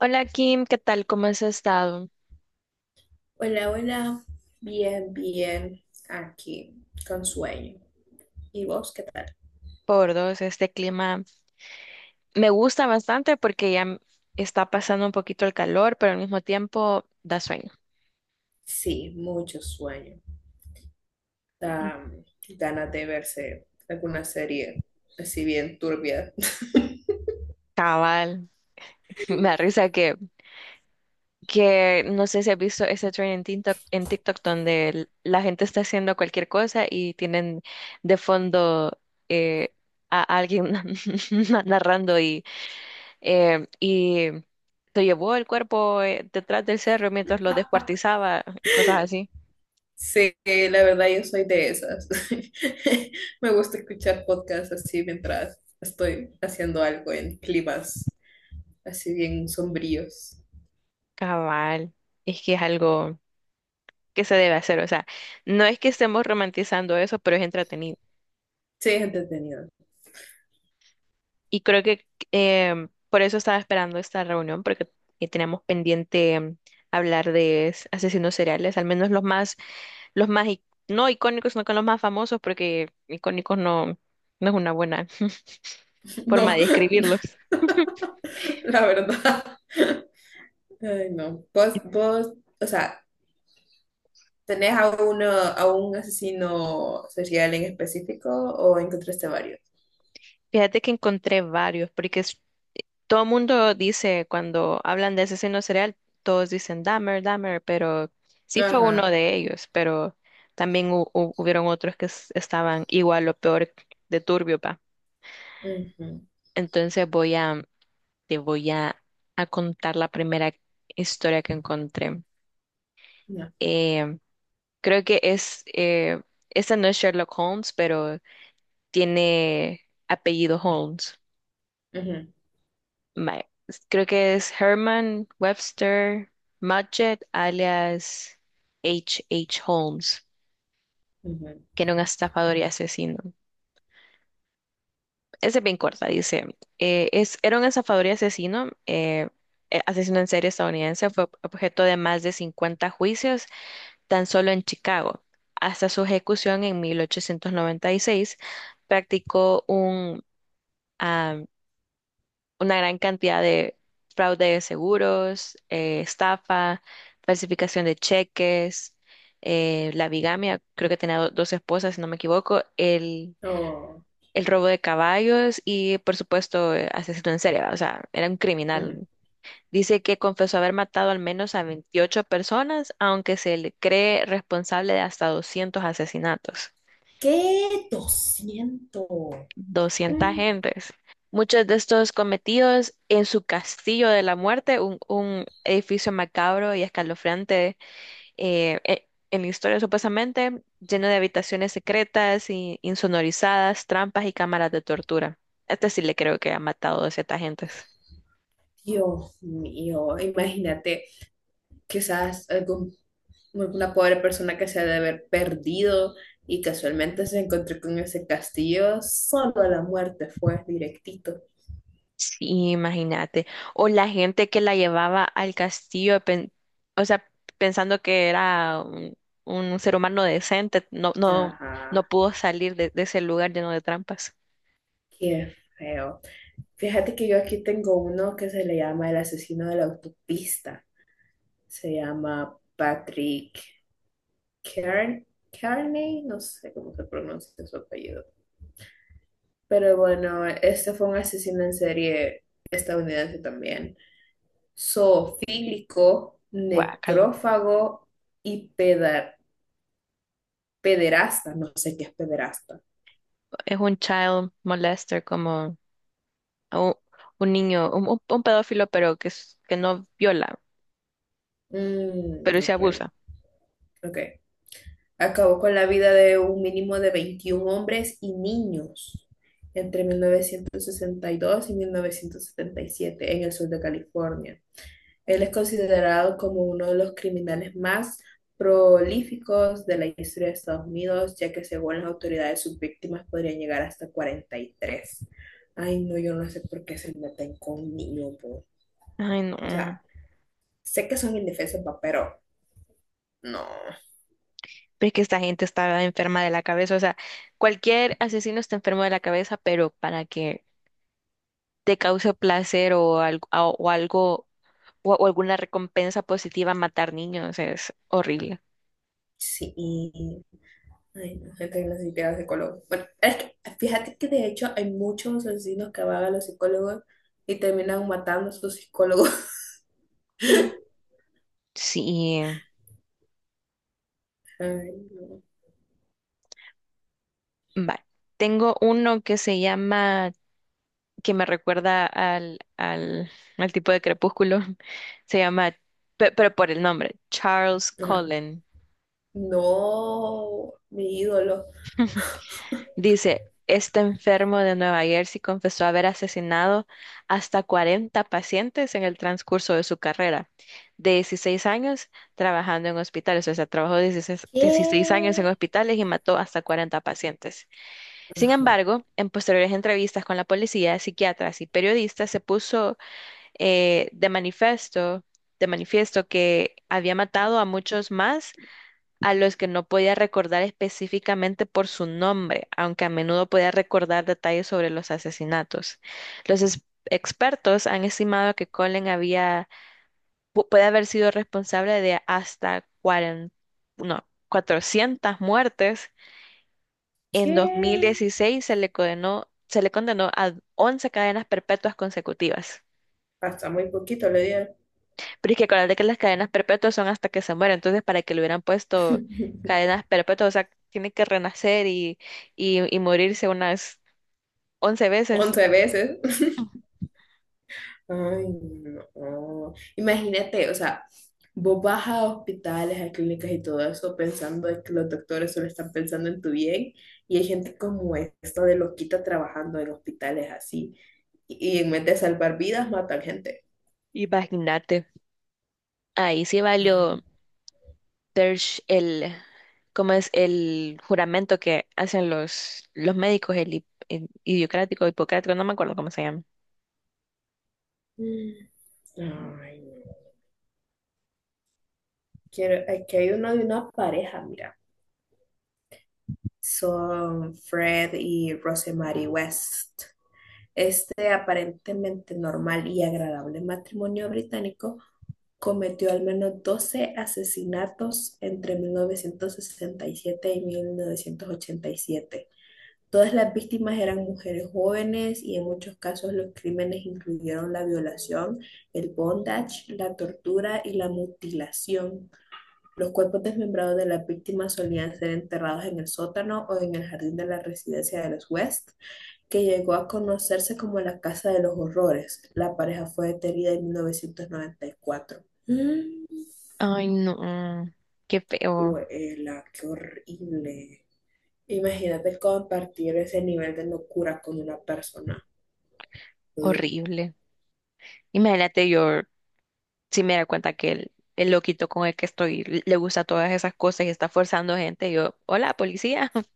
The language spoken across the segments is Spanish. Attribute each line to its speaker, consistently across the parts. Speaker 1: Hola Kim, ¿qué tal? ¿Cómo has estado?
Speaker 2: Hola, hola. Bien, bien. Aquí, con sueño. ¿Y vos qué tal?
Speaker 1: Por dos, este clima me gusta bastante porque ya está pasando un poquito el calor, pero al mismo tiempo da sueño.
Speaker 2: Sí, mucho sueño. Da ganas de verse alguna serie así bien turbia.
Speaker 1: Cabal, me da risa que no sé si has visto ese trend en TikTok, donde la gente está haciendo cualquier cosa y tienen de fondo eh, a alguien narrando y se llevó el cuerpo detrás del cerro mientras lo descuartizaba y cosas así.
Speaker 2: Sí, la verdad yo soy de esas. Me gusta escuchar podcasts así mientras estoy haciendo algo en climas así bien sombríos.
Speaker 1: Cabal, es que es algo que se debe hacer, o sea, no es que estemos romantizando eso, pero es entretenido.
Speaker 2: Sí, es entretenido.
Speaker 1: Y creo que por eso estaba esperando esta reunión, porque tenemos pendiente hablar de asesinos seriales, al menos los más, no icónicos, no con los más famosos, porque icónicos no, no es una buena forma
Speaker 2: No,
Speaker 1: de describirlos.
Speaker 2: la verdad. Ay, no. Vos, o sea, ¿tenés a uno, a un asesino serial en específico o encontraste varios?
Speaker 1: Fíjate que encontré varios, porque todo el mundo dice, cuando hablan de asesino serial, todos dicen Dahmer, Dahmer, pero sí fue uno
Speaker 2: Ajá.
Speaker 1: de ellos, pero también hubieron otros que estaban igual o peor de turbio, pa.
Speaker 2: Ujú.
Speaker 1: Entonces te voy a contar la primera historia que encontré.
Speaker 2: No.
Speaker 1: Eh, Creo que esta no es Sherlock Holmes, pero tiene apellido Holmes.
Speaker 2: Ujú.
Speaker 1: Vale, creo que es Herman Webster Mudgett, alias H. H. Holmes,
Speaker 2: Ujú.
Speaker 1: que era un estafador y asesino. Esa es bien corta, dice. Era un estafador y asesino, asesino en serie estadounidense, fue objeto de más de 50 juicios tan solo en Chicago. Hasta su ejecución en 1896 practicó un una gran cantidad de fraude de seguros, estafa, falsificación de cheques, la bigamia, creo que tenía dos esposas, si no me equivoco, el,
Speaker 2: Oh.
Speaker 1: el robo de caballos y, por supuesto, asesino en serie, ¿va? O sea, era un
Speaker 2: Ujú.
Speaker 1: criminal. Dice que confesó haber matado al menos a 28 personas, aunque se le cree responsable de hasta 200 asesinatos.
Speaker 2: ¿Qué 200?
Speaker 1: doscientas
Speaker 2: Mm.
Speaker 1: gentes. Muchos de estos cometidos en su castillo de la muerte, un edificio macabro y escalofriante, en la historia supuestamente, lleno de habitaciones secretas y insonorizadas, trampas y cámaras de tortura. Este sí le creo que ha matado a ciertas gentes.
Speaker 2: Dios mío, imagínate, quizás algún una pobre persona que se ha de haber perdido y casualmente se encontró con ese castillo, solo la muerte fue directito.
Speaker 1: Sí, imagínate. O la gente que la llevaba al castillo, o sea, pensando que era un ser humano decente, no, no, no
Speaker 2: Ajá,
Speaker 1: pudo salir de ese lugar lleno de trampas.
Speaker 2: qué feo. Fíjate que yo aquí tengo uno que se le llama el asesino de la autopista. Se llama Patrick Kern Kearney, no sé cómo se pronuncia su apellido. Pero bueno, este fue un asesino en serie estadounidense también. Zoofílico,
Speaker 1: Guácala.
Speaker 2: necrófago y pederasta. No sé qué es pederasta.
Speaker 1: Es un child molester, como un, un niño, un pedófilo, pero que no viola,
Speaker 2: Mm,
Speaker 1: pero se
Speaker 2: ok,
Speaker 1: abusa.
Speaker 2: ok. Acabó con la vida de un mínimo de 21 hombres y niños entre 1962 y 1977 en el sur de California. Él es considerado como uno de los criminales más prolíficos de la historia de Estados Unidos, ya que según las autoridades sus víctimas podrían llegar hasta 43. Ay, no, yo no sé por qué se meten con niños, po.
Speaker 1: Ay, no.
Speaker 2: O
Speaker 1: Pero
Speaker 2: sea, sé que son indefensos, pa, pero no.
Speaker 1: es que esta gente está enferma de la cabeza. O sea, cualquier asesino está enfermo de la cabeza, pero para que te causa placer o algo o alguna recompensa positiva matar niños. Es horrible.
Speaker 2: Sí. Ay, no, gente que necesita psicólogos. Bueno, es que fíjate que de hecho hay muchos asesinos que van a los psicólogos y terminan matando a sus psicólogos.
Speaker 1: Sí,
Speaker 2: Ay, no.
Speaker 1: vale. Tengo uno que me recuerda al tipo de crepúsculo. Se llama, pero por el nombre, Charles
Speaker 2: Ajá.
Speaker 1: Cullen.
Speaker 2: No, mi ídolo.
Speaker 1: Dice, este enfermo de Nueva Jersey confesó haber asesinado hasta 40 pacientes en el transcurso de su carrera, de 16 años trabajando en hospitales, o sea, trabajó 16,
Speaker 2: ¿Qué?
Speaker 1: 16 años en hospitales y mató hasta 40 pacientes. Sin embargo, en posteriores entrevistas con la policía, psiquiatras y periodistas, se puso eh, de manifiesto, de manifiesto que había matado a muchos más a los que no podía recordar específicamente por su nombre, aunque a menudo podía recordar detalles sobre los asesinatos. Los expertos han estimado que Colin puede haber sido responsable de hasta 40, no, 400 muertes. En
Speaker 2: ¿Qué?
Speaker 1: 2016 se le condenó a 11 cadenas perpetuas consecutivas.
Speaker 2: Hasta muy poquito le dieron.
Speaker 1: Pero es que acuérdate que las cadenas perpetuas son hasta que se muere, entonces para que le hubieran puesto cadenas perpetuas, o sea, tiene que renacer y morirse unas once
Speaker 2: 11
Speaker 1: veces.
Speaker 2: veces. Ay, no. Imagínate, o sea, vos vas a hospitales, a clínicas y todo eso pensando de que los doctores solo están pensando en tu bien y hay gente como esta de loquita trabajando en hospitales así y en vez de salvar vidas matan gente.
Speaker 1: Imagínate, ahí sí valió
Speaker 2: Ay,
Speaker 1: Dersh el, ¿cómo es? El juramento que hacen los médicos, el idiocrático, hipocrático, no me acuerdo cómo se llama.
Speaker 2: ay, no. Quiero, aquí hay uno de una pareja, mira. Son Fred y Rosemary West. Este aparentemente normal y agradable matrimonio británico cometió al menos 12 asesinatos entre 1967 y 1987. Todas las víctimas eran mujeres jóvenes y en muchos casos los crímenes incluyeron la violación, el bondage, la tortura y la mutilación. Los cuerpos desmembrados de las víctimas solían ser enterrados en el sótano o en el jardín de la residencia de los West, que llegó a conocerse como la Casa de los Horrores. La pareja fue detenida en 1994. Mm.
Speaker 1: Ay, no, qué feo,
Speaker 2: Huela, qué horrible. Imagínate compartir ese nivel de locura con una persona. Uh.
Speaker 1: horrible. Imagínate yo. Si me da cuenta que el loquito con el que estoy le gusta todas esas cosas y está forzando gente, yo, hola, policía.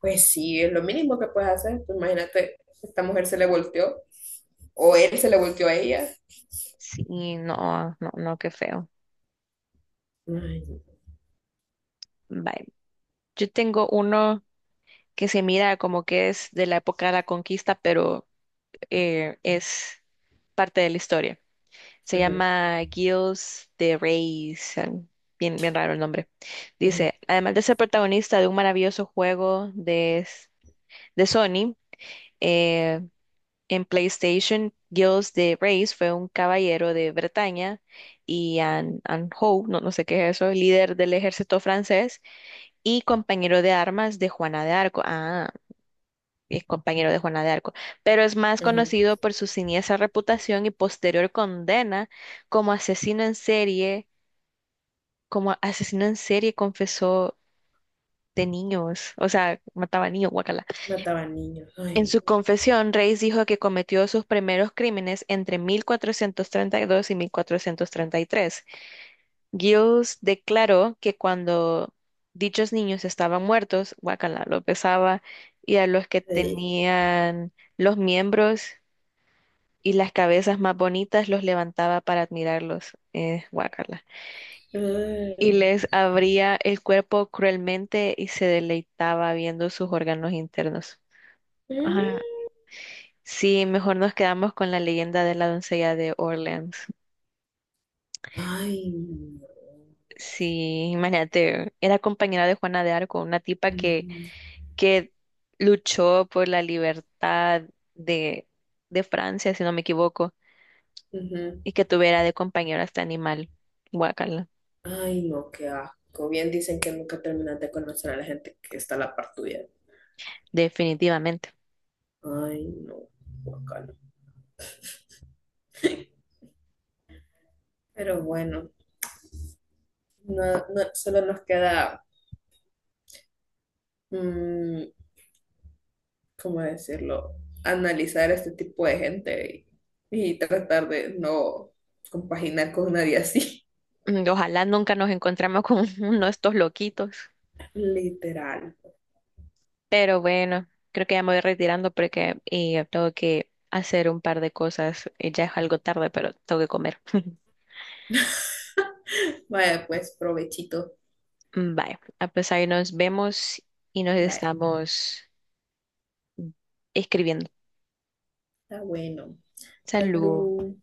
Speaker 2: Pues sí, es lo mínimo que puedes hacer. Pues imagínate, esta mujer se le volteó o él se le volteó a ella.
Speaker 1: Sí, no, no, no, qué feo.
Speaker 2: Ay.
Speaker 1: Bye. Yo tengo uno que se mira como que es de la época de la conquista, pero es parte de la historia. Se
Speaker 2: Ujú.
Speaker 1: llama Gilles de Reyes. Bien, bien raro el nombre.
Speaker 2: Ujú.
Speaker 1: Dice, además de ser protagonista de un maravilloso juego de Sony, eh, En PlayStation, Giles de Reyes fue un caballero de Bretaña y Anne Howe, no, no sé qué es eso, líder del ejército francés y compañero de armas de Juana de Arco. Ah, es compañero de Juana de Arco, pero es más
Speaker 2: Ujú.
Speaker 1: conocido por su siniestra reputación y posterior condena como asesino en serie, como asesino en serie confesó de niños, o sea, mataba niños, guacala.
Speaker 2: Mataban niños.
Speaker 1: En
Speaker 2: Ay.
Speaker 1: su confesión, Reis dijo que cometió sus primeros crímenes entre 1432 y 1433. Giles declaró que cuando dichos niños estaban muertos, Guacala lo pesaba, y a los que
Speaker 2: Eh.
Speaker 1: tenían los miembros y las cabezas más bonitas los levantaba para admirarlos, guácala. Y
Speaker 2: Eh.
Speaker 1: les abría el cuerpo cruelmente y se deleitaba viendo sus órganos internos. Ajá.
Speaker 2: Eh.
Speaker 1: Sí, mejor nos quedamos con la leyenda de la doncella de Orleans.
Speaker 2: Ay, no.
Speaker 1: Sí, imagínate, era compañera de Juana de Arco, una tipa que,
Speaker 2: Ujú.
Speaker 1: que luchó por la libertad de, de Francia, si no me equivoco,
Speaker 2: Ujú.
Speaker 1: y que tuviera de compañero a este animal. Guacala,
Speaker 2: Ay, no, qué asco. Bien dicen que nunca terminas de conocer a la gente que está a la par tuya.
Speaker 1: definitivamente.
Speaker 2: Ay, no, guacala. Pero bueno, no, no, solo nos queda, mm, ¿cómo decirlo? Analizar este tipo de gente y tratar de no compaginar con nadie así.
Speaker 1: Ojalá nunca nos encontremos con uno de estos loquitos.
Speaker 2: Literal.
Speaker 1: Pero bueno, creo que ya me voy retirando porque y tengo que hacer un par de cosas. Ya es algo tarde, pero tengo que comer.
Speaker 2: Vaya, pues, provechito.
Speaker 1: Vale, ah, pues ahí nos vemos y nos
Speaker 2: Bye.
Speaker 1: estamos escribiendo.
Speaker 2: Está bueno.
Speaker 1: Salud.
Speaker 2: Salud.